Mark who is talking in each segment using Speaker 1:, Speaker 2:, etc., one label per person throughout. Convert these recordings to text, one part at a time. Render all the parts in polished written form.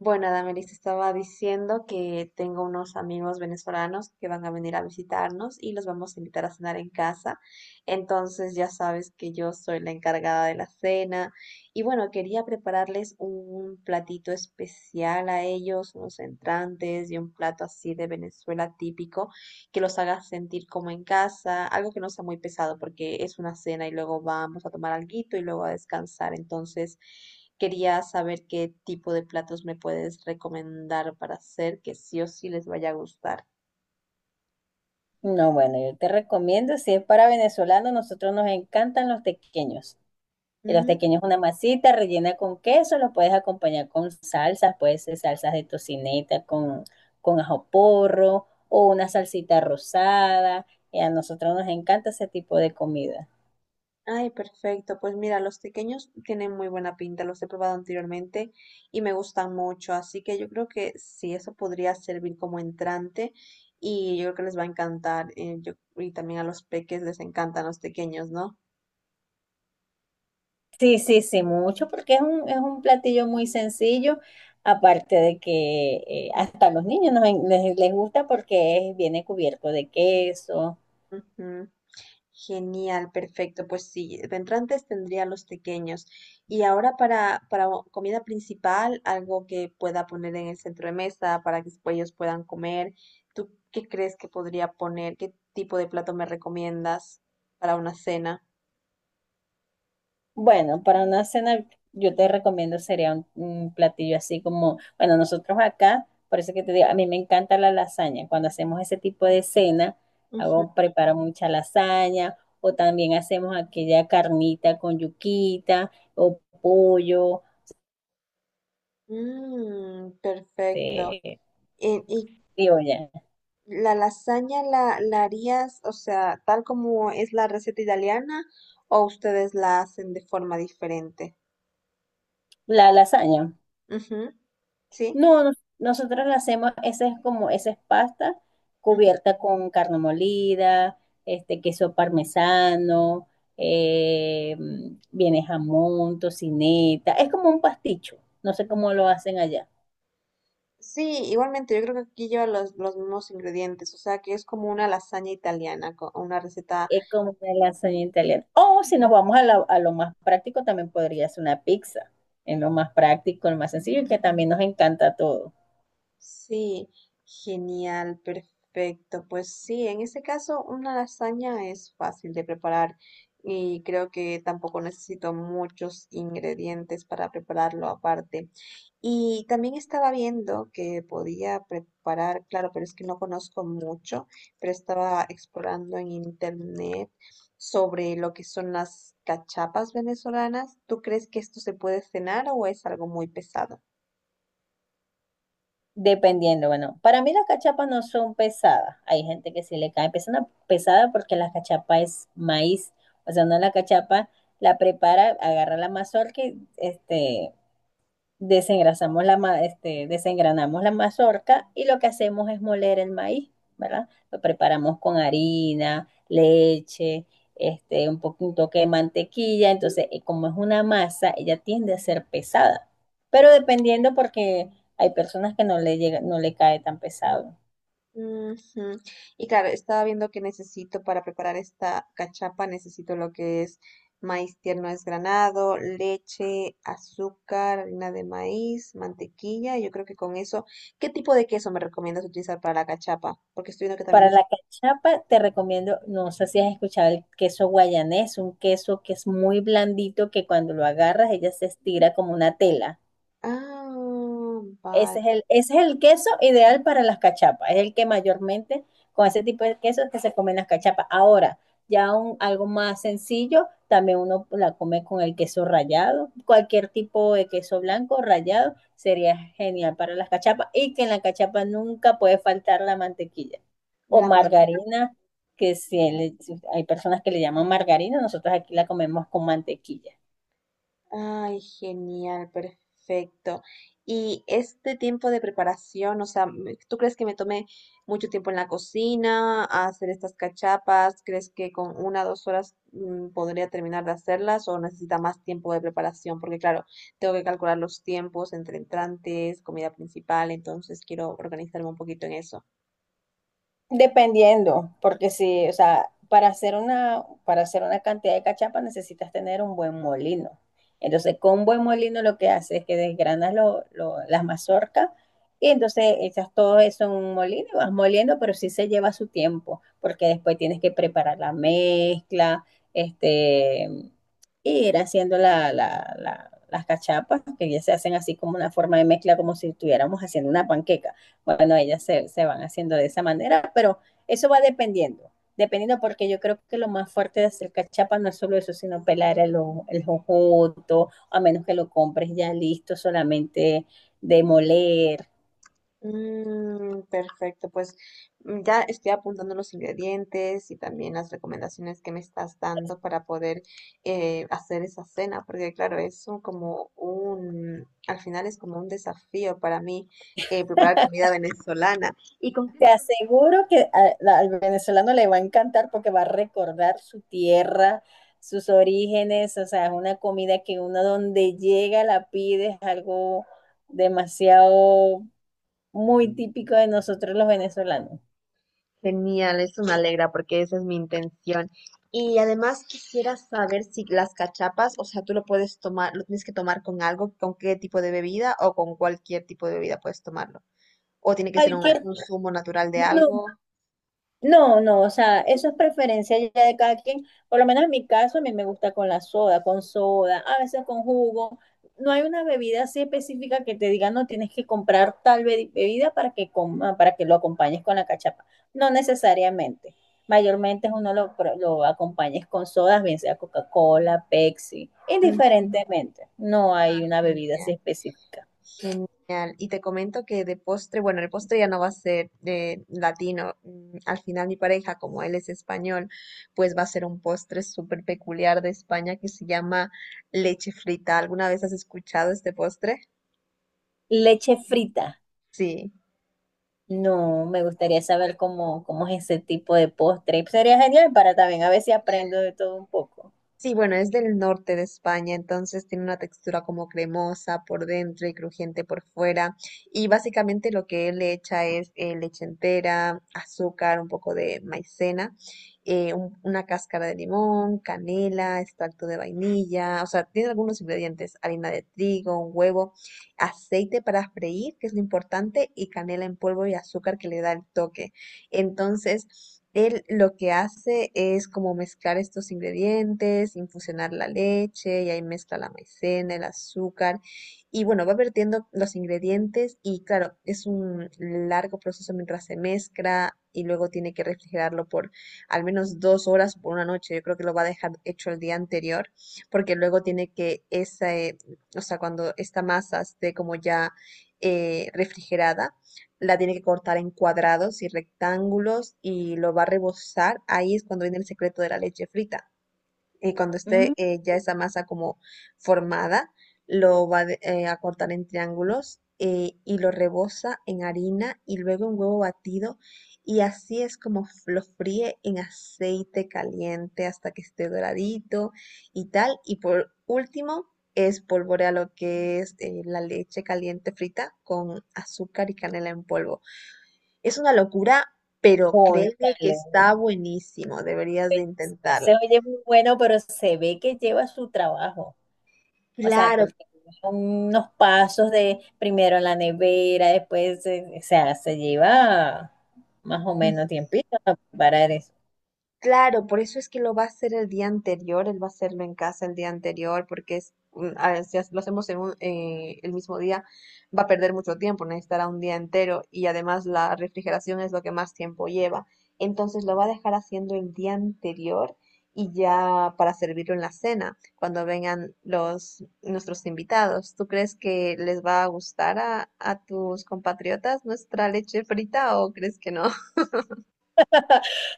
Speaker 1: Bueno, Damaris estaba diciendo que tengo unos amigos venezolanos que van a venir a visitarnos y los vamos a invitar a cenar en casa. Entonces ya sabes que yo soy la encargada de la cena. Y bueno, quería prepararles un platito especial a ellos, unos entrantes y un plato así de Venezuela típico que los hagas sentir como en casa, algo que no sea muy pesado porque es una cena y luego vamos a tomar alguito y luego a descansar. Entonces, quería saber qué tipo de platos me puedes recomendar para hacer que sí o sí les vaya a gustar.
Speaker 2: No, bueno, yo te recomiendo, si es para venezolanos, nosotros nos encantan los tequeños. Y los
Speaker 1: Mm.
Speaker 2: tequeños es una masita rellena con queso, los puedes acompañar con salsas, puede ser salsas de tocineta con ajo porro o una salsita rosada. Y a nosotros nos encanta ese tipo de comida.
Speaker 1: Ay, perfecto. Pues mira, los pequeños tienen muy buena pinta, los he probado anteriormente y me gustan mucho, así que yo creo que sí, eso podría servir como entrante y yo creo que les va a encantar y también a los peques les encantan los pequeños, ¿no?
Speaker 2: Sí, sí, sí, mucho, porque es un platillo muy sencillo, aparte de que hasta a los niños les gusta porque es- viene cubierto de queso.
Speaker 1: Ujú. Genial, perfecto. Pues sí, de entrantes tendría los pequeños. Y ahora para comida principal, algo que pueda poner en el centro de mesa para que después ellos puedan comer. ¿Tú qué crees que podría poner? ¿Qué tipo de plato me recomiendas para una cena?
Speaker 2: Bueno, para una cena yo te recomiendo sería un platillo así como, bueno, nosotros acá, por eso que te digo, a mí me encanta la lasaña. Cuando hacemos ese tipo de cena,
Speaker 1: Ujú.
Speaker 2: hago, preparo mucha lasaña o también hacemos aquella carnita con yuquita o pollo,
Speaker 1: Mm, perfecto.
Speaker 2: este,
Speaker 1: Eh, ¿Y,
Speaker 2: digo ya,
Speaker 1: la lasaña la harías, o sea, tal como es la receta italiana, o ustedes la hacen de forma diferente?
Speaker 2: la lasaña.
Speaker 1: Ujú. Sí,
Speaker 2: No, nos- nosotros la hacemos, esa es como, esa es pasta
Speaker 1: ujú.
Speaker 2: cubierta con carne molida, este queso parmesano, eh, viene jamón, tocineta, es como un pasticho, no sé cómo lo hacen allá,
Speaker 1: Sí, igualmente, yo creo que aquí lleva los mismos ingredientes, o sea que es como una lasaña italiana, una receta.
Speaker 2: es como una lasaña italiana. O si nos vamos a, la- a lo más práctico, también podría ser una pizza, es lo más práctico, lo más sencillo y que también nos encanta todo.
Speaker 1: Sí, genial, perfecto. Pues sí, en ese caso una lasaña es fácil de preparar y creo que tampoco necesito muchos ingredientes para prepararlo aparte. Y también estaba viendo que podía preparar, claro, pero es que no conozco mucho, pero estaba explorando en internet sobre lo que son las cachapas venezolanas. ¿Tú crees que esto se puede cenar o es algo muy pesado?
Speaker 2: Dependiendo, bueno, para mí las cachapas no son pesadas. Hay gente que sí le cae pesada, pesada porque la cachapa es maíz. O sea, uno la cachapa la prepara, agarra la mazorca, y, desengrasamos la, ma- desengranamos la mazorca y lo que hacemos es moler el maíz, ¿verdad? Lo preparamos con harina, leche, un poquito de mantequilla. Entonces, como es una masa, ella tiende a ser pesada, pero dependiendo porque hay personas que no le llega, no le cae tan pesado.
Speaker 1: Ujú. Y claro, estaba viendo que necesito para preparar esta cachapa, necesito lo que es maíz tierno desgranado, leche, azúcar, harina de maíz, mantequilla. Yo creo que con eso, ¿qué tipo de queso me recomiendas utilizar para la cachapa? Porque estoy viendo que también
Speaker 2: Para
Speaker 1: es...
Speaker 2: la cachapa te recomiendo, no sé si has escuchado el queso guayanés, un queso que es muy blandito que cuando lo agarras ella se estira como una tela.
Speaker 1: Ah, vale.
Speaker 2: Ese es el queso ideal para las cachapas. Es el que mayormente con ese tipo de quesos que se comen las cachapas. Ahora, ya un, algo más sencillo, también uno la come con el queso rallado. Cualquier tipo de queso blanco rallado sería genial para las cachapas. Y que en la cachapa nunca puede faltar la mantequilla o
Speaker 1: La.
Speaker 2: margarina, que si le- si hay personas que le llaman margarina, nosotros aquí la comemos con mantequilla.
Speaker 1: Ay, genial, perfecto. Y este tiempo de preparación, o sea, ¿tú crees que me tomé mucho tiempo en la cocina a hacer estas cachapas? ¿Crees que con una o dos horas podría terminar de hacerlas o necesita más tiempo de preparación? Porque claro, tengo que calcular los tiempos entre entrantes, comida principal, entonces quiero organizarme un poquito en eso.
Speaker 2: Dependiendo, porque si, o sea, para hacer una cantidad de cachapa necesitas tener un buen molino. Entonces, con un buen molino lo que hace es que desgranas lo- las mazorcas y entonces echas todo eso en un molino y vas moliendo, pero sí se lleva su tiempo, porque después tienes que preparar la mezcla, este, y ir haciendo la, la- la- las cachapas, que ya se hacen así como una forma de mezcla, como si estuviéramos haciendo una panqueca. Bueno, ellas se, se van haciendo de esa manera, pero eso va dependiendo porque yo creo que lo más fuerte de hacer cachapa no es solo eso, sino pelar el, o- el jojoto, a menos que lo compres ya listo, solamente de moler.
Speaker 1: Mm, perfecto, pues ya estoy apuntando los ingredientes y también las recomendaciones que me estás dando para poder hacer esa cena, porque claro, es un- como un, al final es como un desafío para mí preparar comida venezolana.
Speaker 2: Te aseguro que a- la- al venezolano le va a encantar porque va a recordar su tierra, sus orígenes, o sea, es una comida que uno donde llega la pide, es algo demasiado muy típico de nosotros los venezolanos.
Speaker 1: Genial, eso me alegra porque esa es mi intención. Y además quisiera saber si las cachapas, o sea, tú lo puedes tomar, lo tienes que tomar con algo, con qué tipo de bebida o con cualquier tipo de bebida puedes tomarlo. O tiene que ser
Speaker 2: Cualquier
Speaker 1: un zumo natural de
Speaker 2: no,
Speaker 1: algo.
Speaker 2: no, no, o sea, eso es preferencia ya de cada quien. Por lo menos en mi caso, a mí me gusta con la soda, con soda, a veces con jugo. No hay una bebida así específica que te diga, no tienes que comprar tal be- bebida para que coma, para que lo acompañes con la cachapa. No necesariamente. Mayormente uno lo, pro- lo acompañes con sodas, bien sea Coca-Cola, Pepsi,
Speaker 1: Ujú.
Speaker 2: indiferentemente. No hay una bebida así
Speaker 1: Genial,
Speaker 2: específica.
Speaker 1: genial. Y te comento que de postre, bueno, el postre ya no va a ser de latino. Al final mi pareja, como él es español, pues va a ser un postre súper peculiar de España que se llama leche frita. ¿Alguna vez has escuchado este postre?
Speaker 2: Leche frita.
Speaker 1: Sí.
Speaker 2: No, me gustaría saber cómo, cómo es ese tipo de postre. Sería genial para también a ver si aprendo de todo un poco.
Speaker 1: Sí, bueno, es del norte de España, entonces tiene una textura como cremosa por dentro y crujiente por fuera. Y básicamente lo que él le echa es leche entera, azúcar, un poco de maicena, una cáscara de limón, canela, extracto de vainilla, o sea, tiene algunos ingredientes, harina de trigo, un huevo, aceite para freír, que es lo importante, y canela en polvo y azúcar que le da el toque. Entonces, él lo que hace es como mezclar estos ingredientes, infusionar la leche y ahí mezcla la maicena, el azúcar y bueno, va vertiendo los ingredientes y claro, es un largo proceso mientras se mezcla y luego tiene que refrigerarlo por al menos dos horas por una noche. Yo creo que lo va a dejar hecho el día anterior porque luego tiene que esa, o sea, cuando esta masa esté como ya refrigerada la tiene que cortar en cuadrados y rectángulos y lo va a rebozar. Ahí es cuando viene el secreto de la leche frita. Y cuando
Speaker 2: Mm,
Speaker 1: esté ya esa masa como formada, lo va a cortar en triángulos y lo reboza en harina y luego en huevo batido. Y así es como lo fríe en aceite caliente hasta que esté doradito y tal. Y por último, espolvorea lo que es la leche caliente frita con azúcar y canela en polvo. Es una locura, pero créeme que
Speaker 2: cónchale,
Speaker 1: está buenísimo, deberías
Speaker 2: pues,
Speaker 1: de
Speaker 2: no se
Speaker 1: intentarlo.
Speaker 2: oye muy bueno, pero se ve que lleva su trabajo. O sea,
Speaker 1: Claro.
Speaker 2: porque son unos pasos de primero en la nevera, después, o sea, se lleva más o menos tiempito para
Speaker 1: Claro, por eso es que lo va a hacer el día anterior, él va a hacerlo en casa el día anterior, porque es, a ver, si lo hacemos en el mismo día, va a perder mucho tiempo, necesitará un día entero y además la refrigeración es lo que más tiempo lleva. Entonces lo va a dejar haciendo el día anterior y ya para servirlo en la cena, cuando vengan los nuestros invitados. ¿Tú crees que les va a gustar a tus compatriotas nuestra leche frita o crees que no?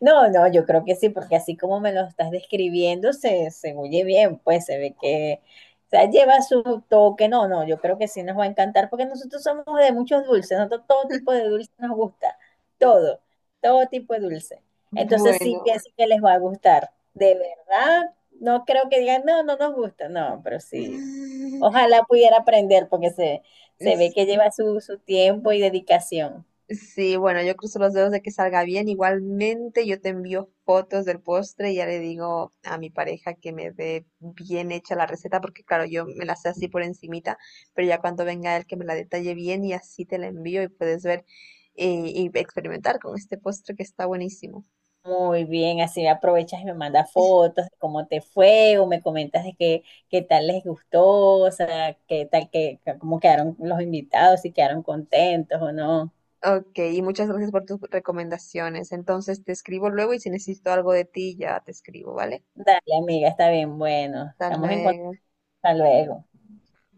Speaker 2: no, no, yo creo que sí, porque así como me lo estás describiendo, se oye bien, pues se ve que o sea, lleva su toque. No, no, yo creo que sí nos va a encantar, porque nosotros somos de muchos dulces, nosotros todo tipo de dulce nos gusta, todo, todo tipo de dulce. Entonces sí
Speaker 1: Bueno, bueno.
Speaker 2: pienso que les va a gustar. De verdad, no creo que digan, no, no nos gusta, no, pero sí. Ojalá pudiera aprender, porque se ve
Speaker 1: Es-
Speaker 2: que lleva su, su tiempo y dedicación.
Speaker 1: Sí, bueno, yo cruzo los dedos de que salga bien. Igualmente, yo te envío fotos del postre y ya le digo a mi pareja que me dé bien hecha la receta, porque claro, yo me la sé así por encimita, pero ya cuando venga él que me la detalle bien y así te la envío y puedes ver y experimentar con este postre que está buenísimo.
Speaker 2: Muy bien, así me aprovechas y me mandas fotos de cómo te fue o me comentas de qué, qué tal les gustó, o sea, qué tal, que cómo quedaron los invitados, si quedaron contentos o no.
Speaker 1: Ok, y muchas gracias por tus recomendaciones. Entonces te escribo luego y si necesito algo de ti ya te escribo, ¿vale?
Speaker 2: Dale, amiga, está bien, bueno, estamos en contacto,
Speaker 1: Dale
Speaker 2: hasta luego.